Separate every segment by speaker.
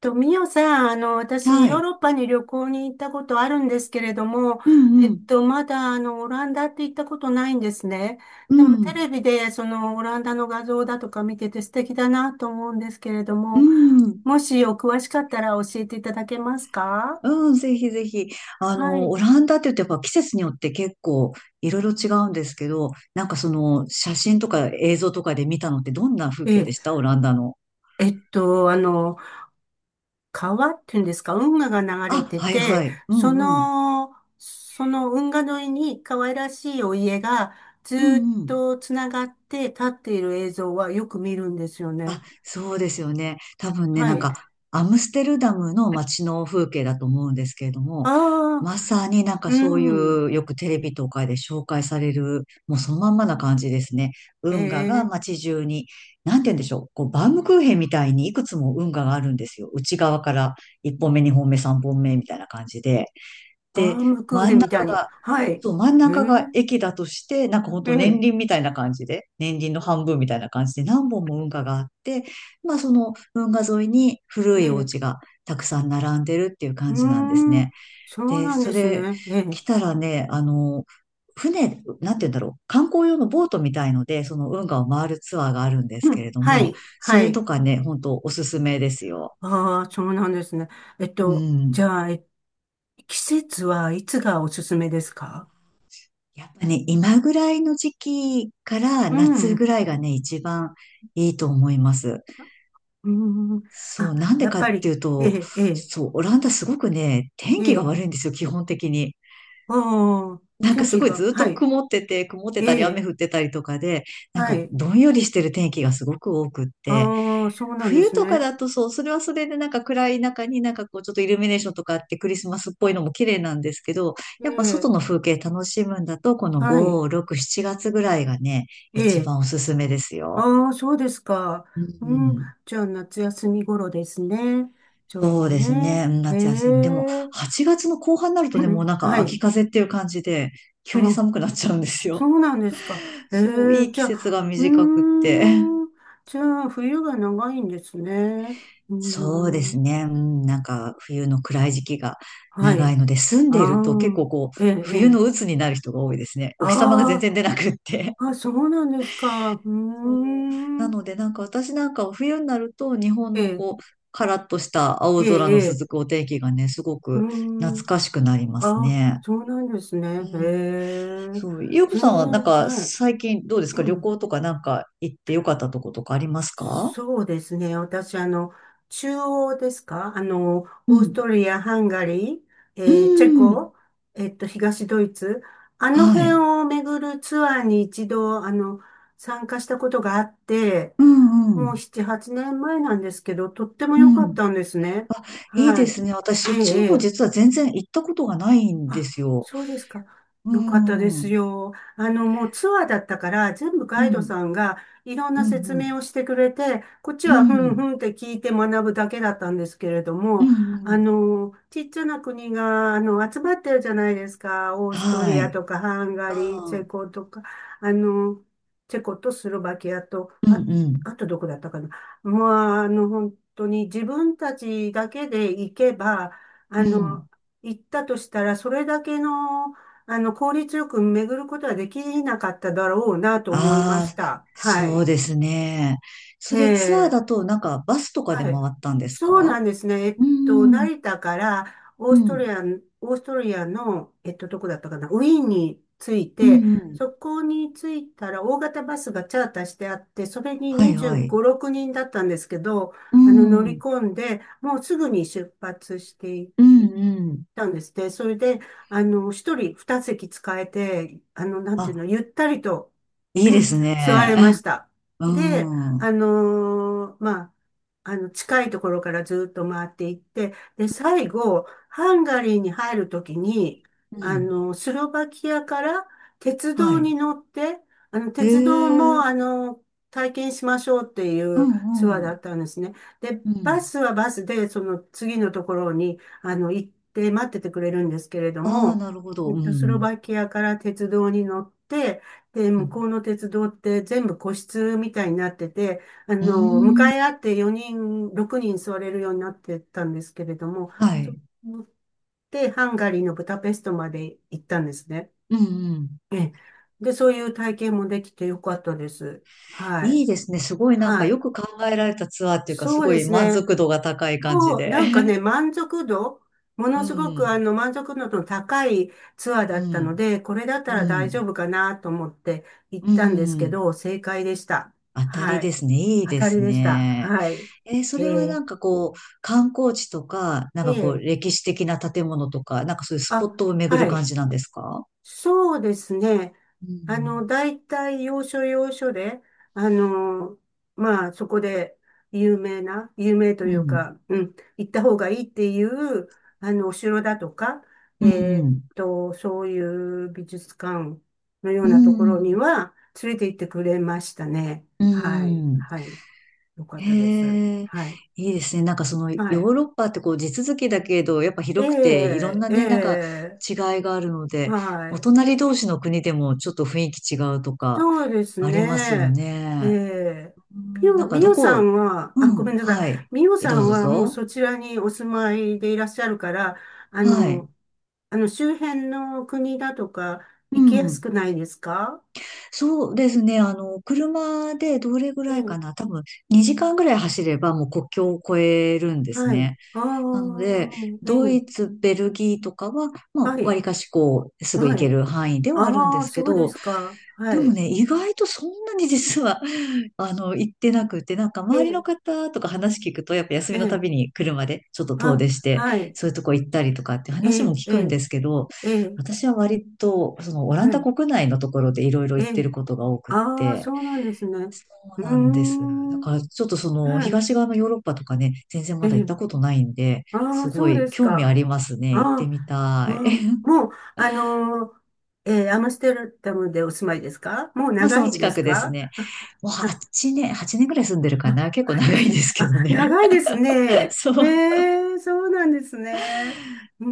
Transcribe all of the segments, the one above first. Speaker 1: と、ミオさん、私、ヨ
Speaker 2: は
Speaker 1: ー
Speaker 2: い。
Speaker 1: ロッパに旅行に行ったことあるんですけれども、
Speaker 2: うんうん。
Speaker 1: まだ、オランダって行ったことないんですね。
Speaker 2: う
Speaker 1: でも、テ
Speaker 2: ん。
Speaker 1: レビで、オランダの画像だとか見てて素敵だなと思うんですけれど
Speaker 2: う
Speaker 1: も、
Speaker 2: ん。
Speaker 1: もしお詳しかったら教えていただけますか？
Speaker 2: うん、ぜひぜひ。
Speaker 1: はい。
Speaker 2: オランダって言うとやっぱ季節によって結構いろいろ違うんですけど、なんかその写真とか映像とかで見たのってどんな風
Speaker 1: え
Speaker 2: 景で
Speaker 1: え、
Speaker 2: したオランダの？
Speaker 1: えっと、あの、川っていうんですか、運河が流れ
Speaker 2: あ、
Speaker 1: て
Speaker 2: はいは
Speaker 1: て、
Speaker 2: い。う
Speaker 1: そ
Speaker 2: んうん。
Speaker 1: の、その運河沿いに可愛らしいお家がず
Speaker 2: う
Speaker 1: ーっ
Speaker 2: んうん。
Speaker 1: とつながって立っている映像はよく見るんですよね。
Speaker 2: あ、そうですよね。多分ね、
Speaker 1: は
Speaker 2: なん
Speaker 1: い。
Speaker 2: か、アムステルダムの街の風景だと思うんですけれども、
Speaker 1: ああ、
Speaker 2: まさになんか
Speaker 1: う
Speaker 2: そうい
Speaker 1: ん。
Speaker 2: う、よくテレビとかで紹介される、もうそのまんまな感じですね。
Speaker 1: え
Speaker 2: 運河が
Speaker 1: え、
Speaker 2: 街中に、なんて言うんでしょう、こう、バウムクーヘンみたいにいくつも運河があるんですよ。内側から1本目、2本目、3本目みたいな感じで。
Speaker 1: バー
Speaker 2: で、
Speaker 1: ムクー
Speaker 2: 真
Speaker 1: ヘ
Speaker 2: ん
Speaker 1: ンみた
Speaker 2: 中
Speaker 1: いに。
Speaker 2: が
Speaker 1: はい。
Speaker 2: そう、真ん
Speaker 1: ええ、
Speaker 2: 中が駅だとして、なんかほん
Speaker 1: え
Speaker 2: と年
Speaker 1: え、
Speaker 2: 輪みたいな感じで、年輪の半分みたいな感じで何本も運河があって、まあその運河沿いに
Speaker 1: え
Speaker 2: 古いお
Speaker 1: え、
Speaker 2: 家がたくさん並んでるっていう
Speaker 1: う
Speaker 2: 感じなんです
Speaker 1: ー
Speaker 2: ね。
Speaker 1: ん。そう
Speaker 2: で、
Speaker 1: なん
Speaker 2: そ
Speaker 1: です
Speaker 2: れ
Speaker 1: ね。ええ、
Speaker 2: 来たらね、船、なんて言うんだろう、観光用のボートみたいので、その運河を回るツアーがあるんです
Speaker 1: う
Speaker 2: け
Speaker 1: ん、
Speaker 2: れど
Speaker 1: は
Speaker 2: も、
Speaker 1: い、
Speaker 2: そ
Speaker 1: は
Speaker 2: れ
Speaker 1: い。
Speaker 2: とかね、ほんとおすすめですよ。
Speaker 1: ああ、そうなんですね。えっ
Speaker 2: う
Speaker 1: と、
Speaker 2: ん。
Speaker 1: じゃあ、えっ季節はいつがおすすめですか？
Speaker 2: やっぱね、今ぐらいの時期から
Speaker 1: う
Speaker 2: 夏
Speaker 1: ん。
Speaker 2: ぐらいがね、一番いいと思います。
Speaker 1: うん。
Speaker 2: そう、
Speaker 1: あ、
Speaker 2: なんで
Speaker 1: やっ
Speaker 2: かっ
Speaker 1: ぱ
Speaker 2: て
Speaker 1: り、
Speaker 2: いう
Speaker 1: え
Speaker 2: と、
Speaker 1: え、ええ、
Speaker 2: そう、オランダすごくね、天
Speaker 1: え
Speaker 2: 気が
Speaker 1: え、
Speaker 2: 悪いんですよ、基本的に。
Speaker 1: ああ、
Speaker 2: なんか
Speaker 1: 天
Speaker 2: す
Speaker 1: 気
Speaker 2: ごい
Speaker 1: が、
Speaker 2: ずっ
Speaker 1: は
Speaker 2: と
Speaker 1: い、
Speaker 2: 曇ってて、曇ってた
Speaker 1: え
Speaker 2: り雨
Speaker 1: え、
Speaker 2: 降ってたりとかで、なん
Speaker 1: は
Speaker 2: か
Speaker 1: い、
Speaker 2: どんよりしてる天気がすごく多くって、
Speaker 1: ああ、そうなんで
Speaker 2: 冬
Speaker 1: す
Speaker 2: とか
Speaker 1: ね。
Speaker 2: だとそう、それはそれでなんか暗い中になんかこうちょっとイルミネーションとかあってクリスマスっぽいのも綺麗なんですけど、
Speaker 1: え
Speaker 2: やっぱ外
Speaker 1: え、
Speaker 2: の風景楽しむんだと、この
Speaker 1: はい、
Speaker 2: 5、6、7月ぐらいがね、
Speaker 1: え
Speaker 2: 一
Speaker 1: え、
Speaker 2: 番おすすめですよ。
Speaker 1: ああ、そうですか。
Speaker 2: う
Speaker 1: うん、
Speaker 2: ん。
Speaker 1: じゃあ夏休み頃ですね。ちょう
Speaker 2: そ
Speaker 1: ど
Speaker 2: うです
Speaker 1: ね。
Speaker 2: ね。うん
Speaker 1: え
Speaker 2: 夏休み。でも、
Speaker 1: え、
Speaker 2: 8月の後半になるとね、もうな んか
Speaker 1: は
Speaker 2: 秋
Speaker 1: い、
Speaker 2: 風っていう感じで、急に
Speaker 1: あ、
Speaker 2: 寒くなっちゃうんです
Speaker 1: そ
Speaker 2: よ。
Speaker 1: うなんですか。え
Speaker 2: そう、い
Speaker 1: え、
Speaker 2: い
Speaker 1: じ
Speaker 2: 季
Speaker 1: ゃ
Speaker 2: 節が
Speaker 1: あ、う
Speaker 2: 短くって。
Speaker 1: ーん、じゃあ、冬が長いんですね。うー
Speaker 2: そうです
Speaker 1: ん、
Speaker 2: ね。うん、なんか冬の暗い時期が
Speaker 1: は
Speaker 2: 長
Speaker 1: い。
Speaker 2: いので、住ん
Speaker 1: あ
Speaker 2: でいると結
Speaker 1: あ、
Speaker 2: 構こう、
Speaker 1: ええ、え
Speaker 2: 冬
Speaker 1: え、
Speaker 2: の鬱になる人が多いですね。お日様が全
Speaker 1: あ
Speaker 2: 然出なくって。
Speaker 1: あ、あ、そうなんですか。うー
Speaker 2: そうな
Speaker 1: ん、
Speaker 2: のでなんか私なんかは冬になると日本
Speaker 1: え
Speaker 2: の
Speaker 1: え、
Speaker 2: こう、カラッとした
Speaker 1: え
Speaker 2: 青空
Speaker 1: え、
Speaker 2: の
Speaker 1: ええ、
Speaker 2: 続くお天気がね、すご
Speaker 1: う
Speaker 2: く
Speaker 1: ー
Speaker 2: 懐
Speaker 1: ん、
Speaker 2: かしくなります
Speaker 1: あ、
Speaker 2: ね。
Speaker 1: そうなんですね。
Speaker 2: う
Speaker 1: え
Speaker 2: ん。
Speaker 1: え、
Speaker 2: そう。ゆうこさ
Speaker 1: 全
Speaker 2: んはなん
Speaker 1: 然、
Speaker 2: か
Speaker 1: はい。
Speaker 2: 最近どうですか？旅行とかなんか行ってよかったとことかありますか？
Speaker 1: そうですね。私、中央ですか？あの、
Speaker 2: う
Speaker 1: オースト
Speaker 2: ん。
Speaker 1: リア、ハンガリー、
Speaker 2: う
Speaker 1: えーチェ
Speaker 2: ん。
Speaker 1: コ、東ドイツ、あの
Speaker 2: は
Speaker 1: 辺
Speaker 2: い。
Speaker 1: を巡るツアーに一度、参加したことがあって、
Speaker 2: うんう
Speaker 1: も
Speaker 2: ん。
Speaker 1: う7、8年前なんですけど、とっても
Speaker 2: う
Speaker 1: 良かっ
Speaker 2: ん。
Speaker 1: たんですね。
Speaker 2: あ、いいで
Speaker 1: はい。
Speaker 2: すね。私、
Speaker 1: え
Speaker 2: そっち
Speaker 1: え、
Speaker 2: の
Speaker 1: え
Speaker 2: 方実
Speaker 1: え、
Speaker 2: は全然行ったことがないんで
Speaker 1: あ、
Speaker 2: すよ。
Speaker 1: そうですか。
Speaker 2: う
Speaker 1: よかったで
Speaker 2: ん。う
Speaker 1: す
Speaker 2: ん。
Speaker 1: よ。もうツアーだったから、全部
Speaker 2: う
Speaker 1: ガイド
Speaker 2: ん。
Speaker 1: さんがいろん
Speaker 2: う
Speaker 1: な説
Speaker 2: ん。
Speaker 1: 明をしてくれて、こっち
Speaker 2: う
Speaker 1: はふんふ
Speaker 2: ん。
Speaker 1: んって聞いて学ぶだけだったんですけれど
Speaker 2: う
Speaker 1: も、
Speaker 2: ん。
Speaker 1: ちっちゃな国が、集まってるじゃないですか。オースト
Speaker 2: は
Speaker 1: リア
Speaker 2: い。
Speaker 1: とか、ハンガリー、チェコとか、あの、チェコとスロバキアと、
Speaker 2: うん。
Speaker 1: あ、
Speaker 2: うん。うん。
Speaker 1: あとどこだったかな。まあ、本当に自分たちだけで行けば、あ
Speaker 2: う
Speaker 1: の、
Speaker 2: ん。
Speaker 1: 行ったとしたら、それだけの、効率よく巡ることはできなかっただろうなと思いまし
Speaker 2: ああ、
Speaker 1: た。は
Speaker 2: そ
Speaker 1: い。
Speaker 2: うですね。それツアー
Speaker 1: ええ、
Speaker 2: だと、なんかバスとかで
Speaker 1: は
Speaker 2: 回
Speaker 1: い。
Speaker 2: ったんです
Speaker 1: そうな
Speaker 2: か？
Speaker 1: んですね。
Speaker 2: うん。うん。
Speaker 1: 成田からオー
Speaker 2: う
Speaker 1: ストリアン、オーストリアの、どこだったかな、ウィーンに着い
Speaker 2: ん。
Speaker 1: て、
Speaker 2: うん。
Speaker 1: そこに着いたら大型バスがチャーターしてあって、それに
Speaker 2: はいはい。
Speaker 1: 25、6人だったんですけど、
Speaker 2: う
Speaker 1: 乗
Speaker 2: ん。う
Speaker 1: り
Speaker 2: ん。
Speaker 1: 込んで、もうすぐに出発してい
Speaker 2: う
Speaker 1: 行っ
Speaker 2: ん。
Speaker 1: たんですね。それで、一人二席使えて、なんていうの、
Speaker 2: あ、
Speaker 1: ゆったりと
Speaker 2: いいで す
Speaker 1: 座
Speaker 2: ね。
Speaker 1: れまし た。
Speaker 2: う
Speaker 1: で、
Speaker 2: ん。う
Speaker 1: あのー、まあ、近いところからずっと回っていって、で、最後、ハンガリーに入るときに、
Speaker 2: ん。
Speaker 1: スロバキアから鉄
Speaker 2: は
Speaker 1: 道
Speaker 2: い。
Speaker 1: に乗って、
Speaker 2: え
Speaker 1: 鉄道も、
Speaker 2: え。
Speaker 1: 体験しましょうってい
Speaker 2: う
Speaker 1: う
Speaker 2: ん
Speaker 1: ツアー
Speaker 2: う
Speaker 1: だ
Speaker 2: ん。
Speaker 1: ったんですね。で、
Speaker 2: う
Speaker 1: バ
Speaker 2: ん。
Speaker 1: スはバスで、その次のところに、行って待っててくれるんですけれど
Speaker 2: ああ、
Speaker 1: も、
Speaker 2: なるほど。う
Speaker 1: スロ
Speaker 2: ん。
Speaker 1: バキアから鉄道に乗って、で、
Speaker 2: う
Speaker 1: 向
Speaker 2: ん。
Speaker 1: こうの鉄道って全部個室みたいになってて、
Speaker 2: う
Speaker 1: 向
Speaker 2: ー
Speaker 1: かい
Speaker 2: ん。
Speaker 1: 合って4人、6人座れるようになってたんですけれども、
Speaker 2: は
Speaker 1: そう
Speaker 2: い。
Speaker 1: 思ってハンガリーのブダペストまで行ったんですね。
Speaker 2: うんうん。
Speaker 1: ええ、で、そういう体験もできてよかったです。は
Speaker 2: い
Speaker 1: い。
Speaker 2: いですね。すごいなんか
Speaker 1: は
Speaker 2: よ
Speaker 1: い。
Speaker 2: く考えられたツアーっていうか、す
Speaker 1: そう
Speaker 2: ご
Speaker 1: で
Speaker 2: い
Speaker 1: す
Speaker 2: 満
Speaker 1: ね。
Speaker 2: 足度が高い感じ
Speaker 1: そう、
Speaker 2: で。
Speaker 1: なんか ね、満足度、も
Speaker 2: う
Speaker 1: のすごくあ
Speaker 2: ん。
Speaker 1: の満足度の高いツアー
Speaker 2: う
Speaker 1: だったの
Speaker 2: ん。
Speaker 1: で、これだった
Speaker 2: う
Speaker 1: ら大丈
Speaker 2: ん。
Speaker 1: 夫かなと思って行っ
Speaker 2: う
Speaker 1: たんですけ
Speaker 2: ん。
Speaker 1: ど、正解でした。
Speaker 2: 当たり
Speaker 1: は
Speaker 2: で
Speaker 1: い。
Speaker 2: すね。いい
Speaker 1: 当
Speaker 2: で
Speaker 1: たり
Speaker 2: す
Speaker 1: でした。
Speaker 2: ね。
Speaker 1: はい。
Speaker 2: そ
Speaker 1: え
Speaker 2: れはな
Speaker 1: ー、
Speaker 2: んかこう、観光地とか、なん
Speaker 1: え
Speaker 2: かこう、
Speaker 1: ー、
Speaker 2: 歴史的な建物とか、なんかそういうスポッ
Speaker 1: あ、
Speaker 2: トを巡る
Speaker 1: は
Speaker 2: 感
Speaker 1: い。
Speaker 2: じなんですか？
Speaker 1: そうですね。
Speaker 2: うん。
Speaker 1: 大体要所要所で、あの、そこで有名な、有名と
Speaker 2: う
Speaker 1: いう
Speaker 2: ん。
Speaker 1: か、うん、行った方がいいっていう、お城だとか、
Speaker 2: う
Speaker 1: えーっ
Speaker 2: ん。
Speaker 1: と、そういう美術館のよう
Speaker 2: う
Speaker 1: な
Speaker 2: ん。
Speaker 1: ところ
Speaker 2: う
Speaker 1: に
Speaker 2: ん。
Speaker 1: は連れて行ってくれましたね。
Speaker 2: う
Speaker 1: はい、
Speaker 2: ん。
Speaker 1: はい。よかったです。
Speaker 2: へえ、
Speaker 1: はい、
Speaker 2: いいですね。なんかそのヨ
Speaker 1: は
Speaker 2: ー
Speaker 1: い。
Speaker 2: ロッパってこう地続きだけど、やっぱ広くていろん
Speaker 1: え
Speaker 2: な
Speaker 1: え、
Speaker 2: ね、なんか
Speaker 1: ええ、
Speaker 2: 違いがあるので、
Speaker 1: は
Speaker 2: お
Speaker 1: い。
Speaker 2: 隣同士の国でもちょっと雰囲気違うとか
Speaker 1: そうです
Speaker 2: ありますよ
Speaker 1: ね。え
Speaker 2: ね。
Speaker 1: え、
Speaker 2: う
Speaker 1: み
Speaker 2: ん、な
Speaker 1: よ、
Speaker 2: ん
Speaker 1: み
Speaker 2: かど
Speaker 1: よさ
Speaker 2: こ、
Speaker 1: んは、
Speaker 2: う
Speaker 1: あ、ごめん
Speaker 2: ん、
Speaker 1: なさい。
Speaker 2: はい。
Speaker 1: みよさ
Speaker 2: どう
Speaker 1: ん
Speaker 2: ぞどう
Speaker 1: はもう
Speaker 2: ぞ。
Speaker 1: そちらにお住まいでいらっしゃるから、あ
Speaker 2: はい。
Speaker 1: の、あの周辺の国だとか
Speaker 2: う
Speaker 1: 行きやす
Speaker 2: ん。
Speaker 1: くないですか？
Speaker 2: そうですね。車でどれぐ
Speaker 1: え
Speaker 2: らい
Speaker 1: え、
Speaker 2: かな。多分2時間ぐらい走ればもう国境を越えるんです
Speaker 1: はい。
Speaker 2: ね。
Speaker 1: あ
Speaker 2: な
Speaker 1: あ、
Speaker 2: ので、
Speaker 1: え
Speaker 2: ドイ
Speaker 1: え、
Speaker 2: ツ、ベルギーとかは、まあ、
Speaker 1: は
Speaker 2: 割
Speaker 1: い、
Speaker 2: かしこう、すぐ行
Speaker 1: は
Speaker 2: け
Speaker 1: い。
Speaker 2: る範囲ではあるん
Speaker 1: あ
Speaker 2: で
Speaker 1: あ、
Speaker 2: すけ
Speaker 1: そうで
Speaker 2: ど、
Speaker 1: すか。は
Speaker 2: でも
Speaker 1: い。
Speaker 2: ね、意外とそんなに実は、行ってなくて、なんか
Speaker 1: え
Speaker 2: 周りの
Speaker 1: え、
Speaker 2: 方とか話聞くと、やっぱ休
Speaker 1: え
Speaker 2: みのた
Speaker 1: え、
Speaker 2: びに車でちょっと遠
Speaker 1: あ、
Speaker 2: 出して、
Speaker 1: はい。
Speaker 2: そういうとこ行ったりとかって
Speaker 1: え
Speaker 2: 話も
Speaker 1: え、
Speaker 2: 聞
Speaker 1: え
Speaker 2: くん
Speaker 1: え、
Speaker 2: ですけど、
Speaker 1: ええ、
Speaker 2: 私は割と、そのオラン
Speaker 1: は
Speaker 2: ダ
Speaker 1: い。
Speaker 2: 国内のところでいろいろ
Speaker 1: え
Speaker 2: 行って
Speaker 1: え、
Speaker 2: ることが多くっ
Speaker 1: ああ、
Speaker 2: て、
Speaker 1: そうなんですね。
Speaker 2: そう
Speaker 1: うー
Speaker 2: なんです。だ
Speaker 1: ん。
Speaker 2: からちょっとその
Speaker 1: はい。
Speaker 2: 東側のヨーロッパとかね、全然
Speaker 1: え
Speaker 2: まだ行っ
Speaker 1: え。
Speaker 2: たことないんで、
Speaker 1: あ
Speaker 2: す
Speaker 1: あ、そ
Speaker 2: ご
Speaker 1: うで
Speaker 2: い
Speaker 1: す
Speaker 2: 興味あ
Speaker 1: か。
Speaker 2: りますね。行って
Speaker 1: あ
Speaker 2: みた
Speaker 1: あ、
Speaker 2: い。
Speaker 1: ああ、もう、あのー、ええ、アムステルダムでお住まいですか？もう
Speaker 2: まあそ
Speaker 1: 長
Speaker 2: の
Speaker 1: いんで
Speaker 2: 近
Speaker 1: す
Speaker 2: くです
Speaker 1: か？
Speaker 2: ね。もう8年、8年ぐらい住んでる
Speaker 1: あ、
Speaker 2: か
Speaker 1: あ、
Speaker 2: な。結構長い
Speaker 1: す、
Speaker 2: ですけ
Speaker 1: あ
Speaker 2: どね。
Speaker 1: 長いです ね。
Speaker 2: そ
Speaker 1: え
Speaker 2: う。
Speaker 1: え、そうなんですね。うー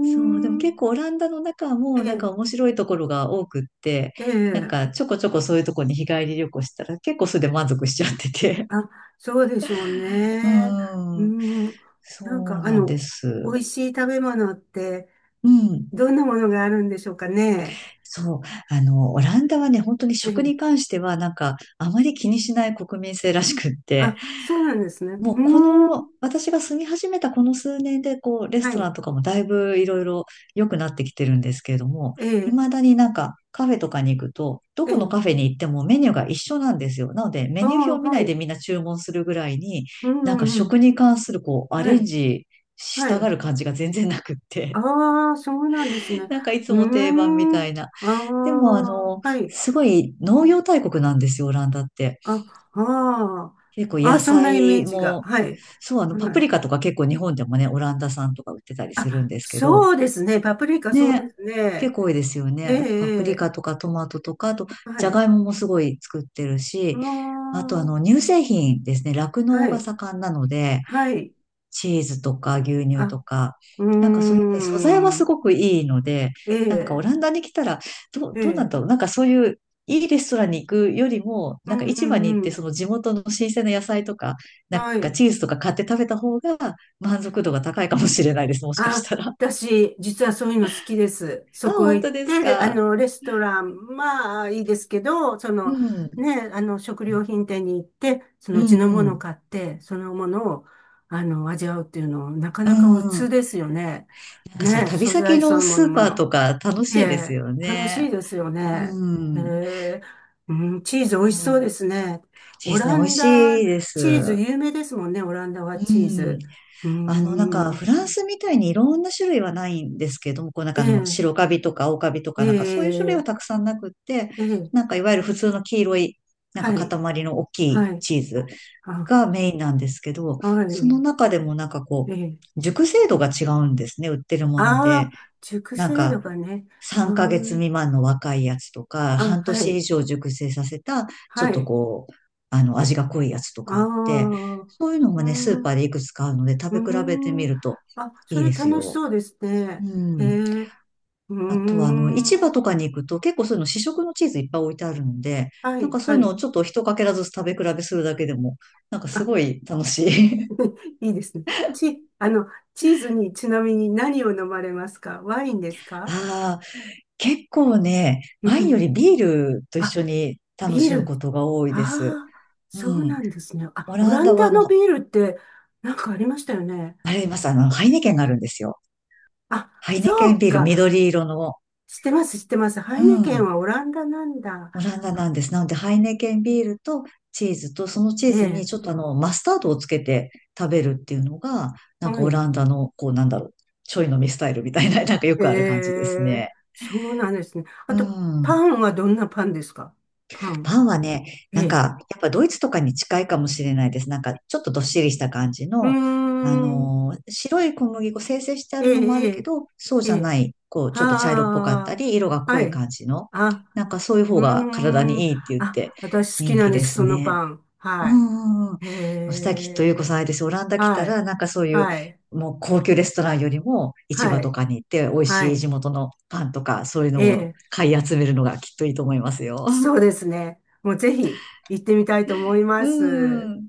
Speaker 2: そう。でも
Speaker 1: ん。
Speaker 2: 結構オランダの中
Speaker 1: え
Speaker 2: もなん
Speaker 1: え、
Speaker 2: か面白いところが多くって、
Speaker 1: え
Speaker 2: なん
Speaker 1: え。
Speaker 2: かちょこちょこそういうところに日帰り旅行したら結構それで満足しちゃってて。
Speaker 1: あ、そうでしょう
Speaker 2: う
Speaker 1: ね。うー
Speaker 2: ん。
Speaker 1: ん。なん
Speaker 2: そう
Speaker 1: か、
Speaker 2: なんで
Speaker 1: 美
Speaker 2: す。
Speaker 1: 味しい食べ物って、
Speaker 2: うん。
Speaker 1: どんなものがあるんでしょうかね。
Speaker 2: そう。オランダはね、本当に
Speaker 1: え
Speaker 2: 食に
Speaker 1: え。
Speaker 2: 関しては、なんか、あまり気にしない国民性らしくって、
Speaker 1: あ、そうなんですね。
Speaker 2: も
Speaker 1: う
Speaker 2: うこ
Speaker 1: ー
Speaker 2: の、
Speaker 1: ん。
Speaker 2: 私が住み始めたこの数年で、こう、レス
Speaker 1: は
Speaker 2: トラン
Speaker 1: い。
Speaker 2: とかもだいぶいろいろ良くなってきてるんですけれども、
Speaker 1: ええ、
Speaker 2: 未だになんか、カフェとかに行くと、ど
Speaker 1: え
Speaker 2: この
Speaker 1: え。
Speaker 2: カフェに行ってもメニューが一緒なんですよ。なので、メ
Speaker 1: ああ、
Speaker 2: ニュー表を見な
Speaker 1: は
Speaker 2: いで
Speaker 1: い。
Speaker 2: みんな注文するぐらいに、
Speaker 1: う
Speaker 2: なんか
Speaker 1: んうん。
Speaker 2: 食に関する、こう、ア
Speaker 1: は
Speaker 2: レン
Speaker 1: い。
Speaker 2: ジし
Speaker 1: は
Speaker 2: たが
Speaker 1: い。
Speaker 2: る感じが全然なくって、
Speaker 1: ああ、そうなんですね。
Speaker 2: なんかいつ
Speaker 1: う
Speaker 2: も定番み
Speaker 1: ーん。
Speaker 2: たいな。
Speaker 1: あ
Speaker 2: でも、
Speaker 1: あ、はい。
Speaker 2: すごい農業大国なんですよ、オランダって。
Speaker 1: あ、あ
Speaker 2: 結構
Speaker 1: あ。あ
Speaker 2: 野
Speaker 1: あ、そんなイメー
Speaker 2: 菜
Speaker 1: ジが。
Speaker 2: も、
Speaker 1: はい。
Speaker 2: そう、
Speaker 1: は
Speaker 2: パプリ
Speaker 1: い。
Speaker 2: カとか結構日本でもね、オランダ産とか売ってたりするん
Speaker 1: あ、
Speaker 2: ですけど、
Speaker 1: そうですね。パプリカ、そうで
Speaker 2: ね、
Speaker 1: す
Speaker 2: 結
Speaker 1: ね。
Speaker 2: 構多いですよね。
Speaker 1: ええ、
Speaker 2: あと、パプリ
Speaker 1: え
Speaker 2: カとかトマトとか、あと、
Speaker 1: え。
Speaker 2: ジ
Speaker 1: は
Speaker 2: ャ
Speaker 1: い。
Speaker 2: ガイモもすごい作ってる
Speaker 1: あ
Speaker 2: し、あと、
Speaker 1: あ、
Speaker 2: 乳製品ですね、酪農
Speaker 1: は
Speaker 2: が
Speaker 1: い。
Speaker 2: 盛んなので、
Speaker 1: はい。
Speaker 2: チーズとか牛乳
Speaker 1: あ、
Speaker 2: とか、
Speaker 1: う
Speaker 2: なんかそういう
Speaker 1: ー
Speaker 2: ね、素材はす
Speaker 1: ん。
Speaker 2: ごくいいので、
Speaker 1: え
Speaker 2: なんかオ
Speaker 1: え、
Speaker 2: ランダに来たら、どう、
Speaker 1: え
Speaker 2: どうなん
Speaker 1: え。
Speaker 2: だろう、なんかそういういいレストランに行くよりも、
Speaker 1: う
Speaker 2: なんか
Speaker 1: んう
Speaker 2: 市場に行っ
Speaker 1: んう
Speaker 2: て
Speaker 1: ん。
Speaker 2: その地元の新鮮な野菜とか、なん
Speaker 1: は
Speaker 2: か
Speaker 1: い。
Speaker 2: チーズとか買って食べた方が満足度が高いかもしれないです、もしかした
Speaker 1: あ、
Speaker 2: ら。
Speaker 1: 私、実はそういうの好きです。
Speaker 2: あ、
Speaker 1: そこ
Speaker 2: 本
Speaker 1: 行っ
Speaker 2: 当です
Speaker 1: て、
Speaker 2: か？
Speaker 1: レストラン、まあ、いいですけど、そ
Speaker 2: う
Speaker 1: の、
Speaker 2: ん、
Speaker 1: ね、食料品店に行って、そ
Speaker 2: う
Speaker 1: の
Speaker 2: ん、
Speaker 1: 地のも
Speaker 2: う
Speaker 1: のを
Speaker 2: ん、
Speaker 1: 買って、そのものを、味わうっていうの、なか
Speaker 2: う
Speaker 1: なか普通
Speaker 2: ん。
Speaker 1: ですよね。
Speaker 2: なんかその
Speaker 1: ね、
Speaker 2: 旅
Speaker 1: 素
Speaker 2: 先
Speaker 1: 材そ
Speaker 2: の
Speaker 1: のも
Speaker 2: ス
Speaker 1: の
Speaker 2: ー
Speaker 1: も
Speaker 2: パー
Speaker 1: の。
Speaker 2: とか楽
Speaker 1: え
Speaker 2: しいです
Speaker 1: え、
Speaker 2: よ
Speaker 1: 楽し
Speaker 2: ね。
Speaker 1: いですよ
Speaker 2: う
Speaker 1: ね。え
Speaker 2: ん。
Speaker 1: え、うん、チー
Speaker 2: そ
Speaker 1: ズ美味しそう
Speaker 2: う、
Speaker 1: ですね。
Speaker 2: で
Speaker 1: オ
Speaker 2: すね。
Speaker 1: ラ
Speaker 2: 美味
Speaker 1: ンダ、
Speaker 2: しいで
Speaker 1: チーズ
Speaker 2: す。
Speaker 1: 有名ですもんね、オランダは
Speaker 2: う
Speaker 1: チー
Speaker 2: ん。
Speaker 1: ズ。うー
Speaker 2: なんか、
Speaker 1: ん、
Speaker 2: フランスみたいにいろんな種類はないんですけれども、こうなん
Speaker 1: え
Speaker 2: か白
Speaker 1: え、
Speaker 2: カビとか青カビと
Speaker 1: え
Speaker 2: か、なんかそういう種類
Speaker 1: え、
Speaker 2: はたくさんなくって、
Speaker 1: ええ、
Speaker 2: なんかいわゆる普通の黄色い、なん
Speaker 1: は
Speaker 2: か塊
Speaker 1: い、
Speaker 2: の大きい
Speaker 1: はい。
Speaker 2: チーズ
Speaker 1: あ、
Speaker 2: がメインなんですけど、
Speaker 1: は
Speaker 2: その
Speaker 1: い。
Speaker 2: 中でもなんか
Speaker 1: え
Speaker 2: こ
Speaker 1: え。
Speaker 2: う、熟成度が違うんですね、売ってるもの
Speaker 1: ああ、
Speaker 2: で。
Speaker 1: 熟
Speaker 2: なん
Speaker 1: 成度
Speaker 2: か、
Speaker 1: がね。は
Speaker 2: 3ヶ月未満の若いやつとか、
Speaker 1: あー
Speaker 2: 半
Speaker 1: あ、は
Speaker 2: 年
Speaker 1: い。
Speaker 2: 以上熟成させた、ち
Speaker 1: は
Speaker 2: ょっと
Speaker 1: い。
Speaker 2: こう、味が濃いやつと
Speaker 1: あ
Speaker 2: かあって、
Speaker 1: あ、う
Speaker 2: そういうの
Speaker 1: ー
Speaker 2: がね、スー
Speaker 1: ん、
Speaker 2: パ
Speaker 1: う
Speaker 2: ーでいくつかあるので、食べ比べて
Speaker 1: ー
Speaker 2: み
Speaker 1: ん。
Speaker 2: ると
Speaker 1: あ、そ
Speaker 2: いい
Speaker 1: れ
Speaker 2: です
Speaker 1: 楽し
Speaker 2: よ。
Speaker 1: そうです
Speaker 2: う
Speaker 1: ね。ええ、
Speaker 2: ん。
Speaker 1: うー
Speaker 2: あとは、市場と
Speaker 1: ん。
Speaker 2: かに行くと結構そういうの試食のチーズいっぱい置いてあるので、
Speaker 1: は
Speaker 2: なん
Speaker 1: い、
Speaker 2: かそう
Speaker 1: は
Speaker 2: いうのを
Speaker 1: い。
Speaker 2: ちょっと一かけらずつ食べ比べするだけでも、なんか
Speaker 1: あ、
Speaker 2: すごい楽しい。
Speaker 1: いいですね。チ、チーズにちなみに何を飲まれますか？ワインですか？
Speaker 2: ああ、結構ね、
Speaker 1: う
Speaker 2: ワインよ
Speaker 1: ん。
Speaker 2: りビールと一緒
Speaker 1: あ、
Speaker 2: に楽
Speaker 1: ビー
Speaker 2: しむこ
Speaker 1: ル。
Speaker 2: とが多いです。
Speaker 1: ああ、そう
Speaker 2: うん。
Speaker 1: なんですね。あ、
Speaker 2: オ
Speaker 1: オ
Speaker 2: ラン
Speaker 1: ラン
Speaker 2: ダは
Speaker 1: ダのビールってなんかありましたよね。
Speaker 2: あれいます、ハイネケンがあるんですよ。
Speaker 1: あ、
Speaker 2: ハイネ
Speaker 1: そ
Speaker 2: ケン
Speaker 1: う
Speaker 2: ビール、
Speaker 1: か。
Speaker 2: 緑色の。
Speaker 1: 知ってます、知ってます。ハ
Speaker 2: う
Speaker 1: イネケン
Speaker 2: ん。
Speaker 1: はオランダなんだ。
Speaker 2: オランダな
Speaker 1: あ、
Speaker 2: んです。なので、ハイネケンビールとチーズと、そのチ
Speaker 1: え
Speaker 2: ーズに
Speaker 1: え、
Speaker 2: ちょっとマスタードをつけて食べるっていうのが、なん
Speaker 1: は
Speaker 2: かオ
Speaker 1: い。
Speaker 2: ランダの、こうなんだろう、ちょい飲みスタイルみたいな、なんかよ
Speaker 1: え
Speaker 2: くある感じです
Speaker 1: え、
Speaker 2: ね。
Speaker 1: そうなんですね。あ
Speaker 2: う
Speaker 1: と、パ
Speaker 2: ん。
Speaker 1: ンはどんなパンですか？パン。
Speaker 2: パンはね、
Speaker 1: え
Speaker 2: なん
Speaker 1: え。
Speaker 2: か、やっぱドイツとかに近いかもしれないです。なんか、ちょっとどっしりした感じ
Speaker 1: うー
Speaker 2: の、
Speaker 1: ん。
Speaker 2: 白い小麦粉、精製してあ
Speaker 1: ええ、
Speaker 2: るのもあ
Speaker 1: え
Speaker 2: るけ
Speaker 1: え、
Speaker 2: ど、そう
Speaker 1: え
Speaker 2: じゃな
Speaker 1: え。
Speaker 2: い、こう、ちょっと茶色っぽかった
Speaker 1: あ
Speaker 2: り、色が
Speaker 1: あ、
Speaker 2: 濃
Speaker 1: は
Speaker 2: い
Speaker 1: い。
Speaker 2: 感じの、
Speaker 1: あ、
Speaker 2: なんかそういう方
Speaker 1: う
Speaker 2: が体
Speaker 1: ーん。
Speaker 2: にいいって言って
Speaker 1: あ、私好き
Speaker 2: 人
Speaker 1: な
Speaker 2: 気
Speaker 1: んで
Speaker 2: で
Speaker 1: す、
Speaker 2: す
Speaker 1: そのパ
Speaker 2: ね。
Speaker 1: ン。
Speaker 2: う
Speaker 1: は
Speaker 2: んうんう
Speaker 1: い。へ
Speaker 2: ん。さっきとゆうこさ
Speaker 1: え。
Speaker 2: んあれですよ。オランダ来た
Speaker 1: は
Speaker 2: ら、
Speaker 1: い。
Speaker 2: なんかそういう、
Speaker 1: はい。
Speaker 2: もう高級レストランよりも市
Speaker 1: は
Speaker 2: 場と
Speaker 1: い。
Speaker 2: かに行って美味
Speaker 1: は
Speaker 2: しい地
Speaker 1: い。
Speaker 2: 元のパンとかそういう
Speaker 1: え
Speaker 2: のを
Speaker 1: え。
Speaker 2: 買い集めるのがきっといいと思いますよ。
Speaker 1: そうですね。もうぜひ行ってみたいと思いま
Speaker 2: う
Speaker 1: す。
Speaker 2: ん。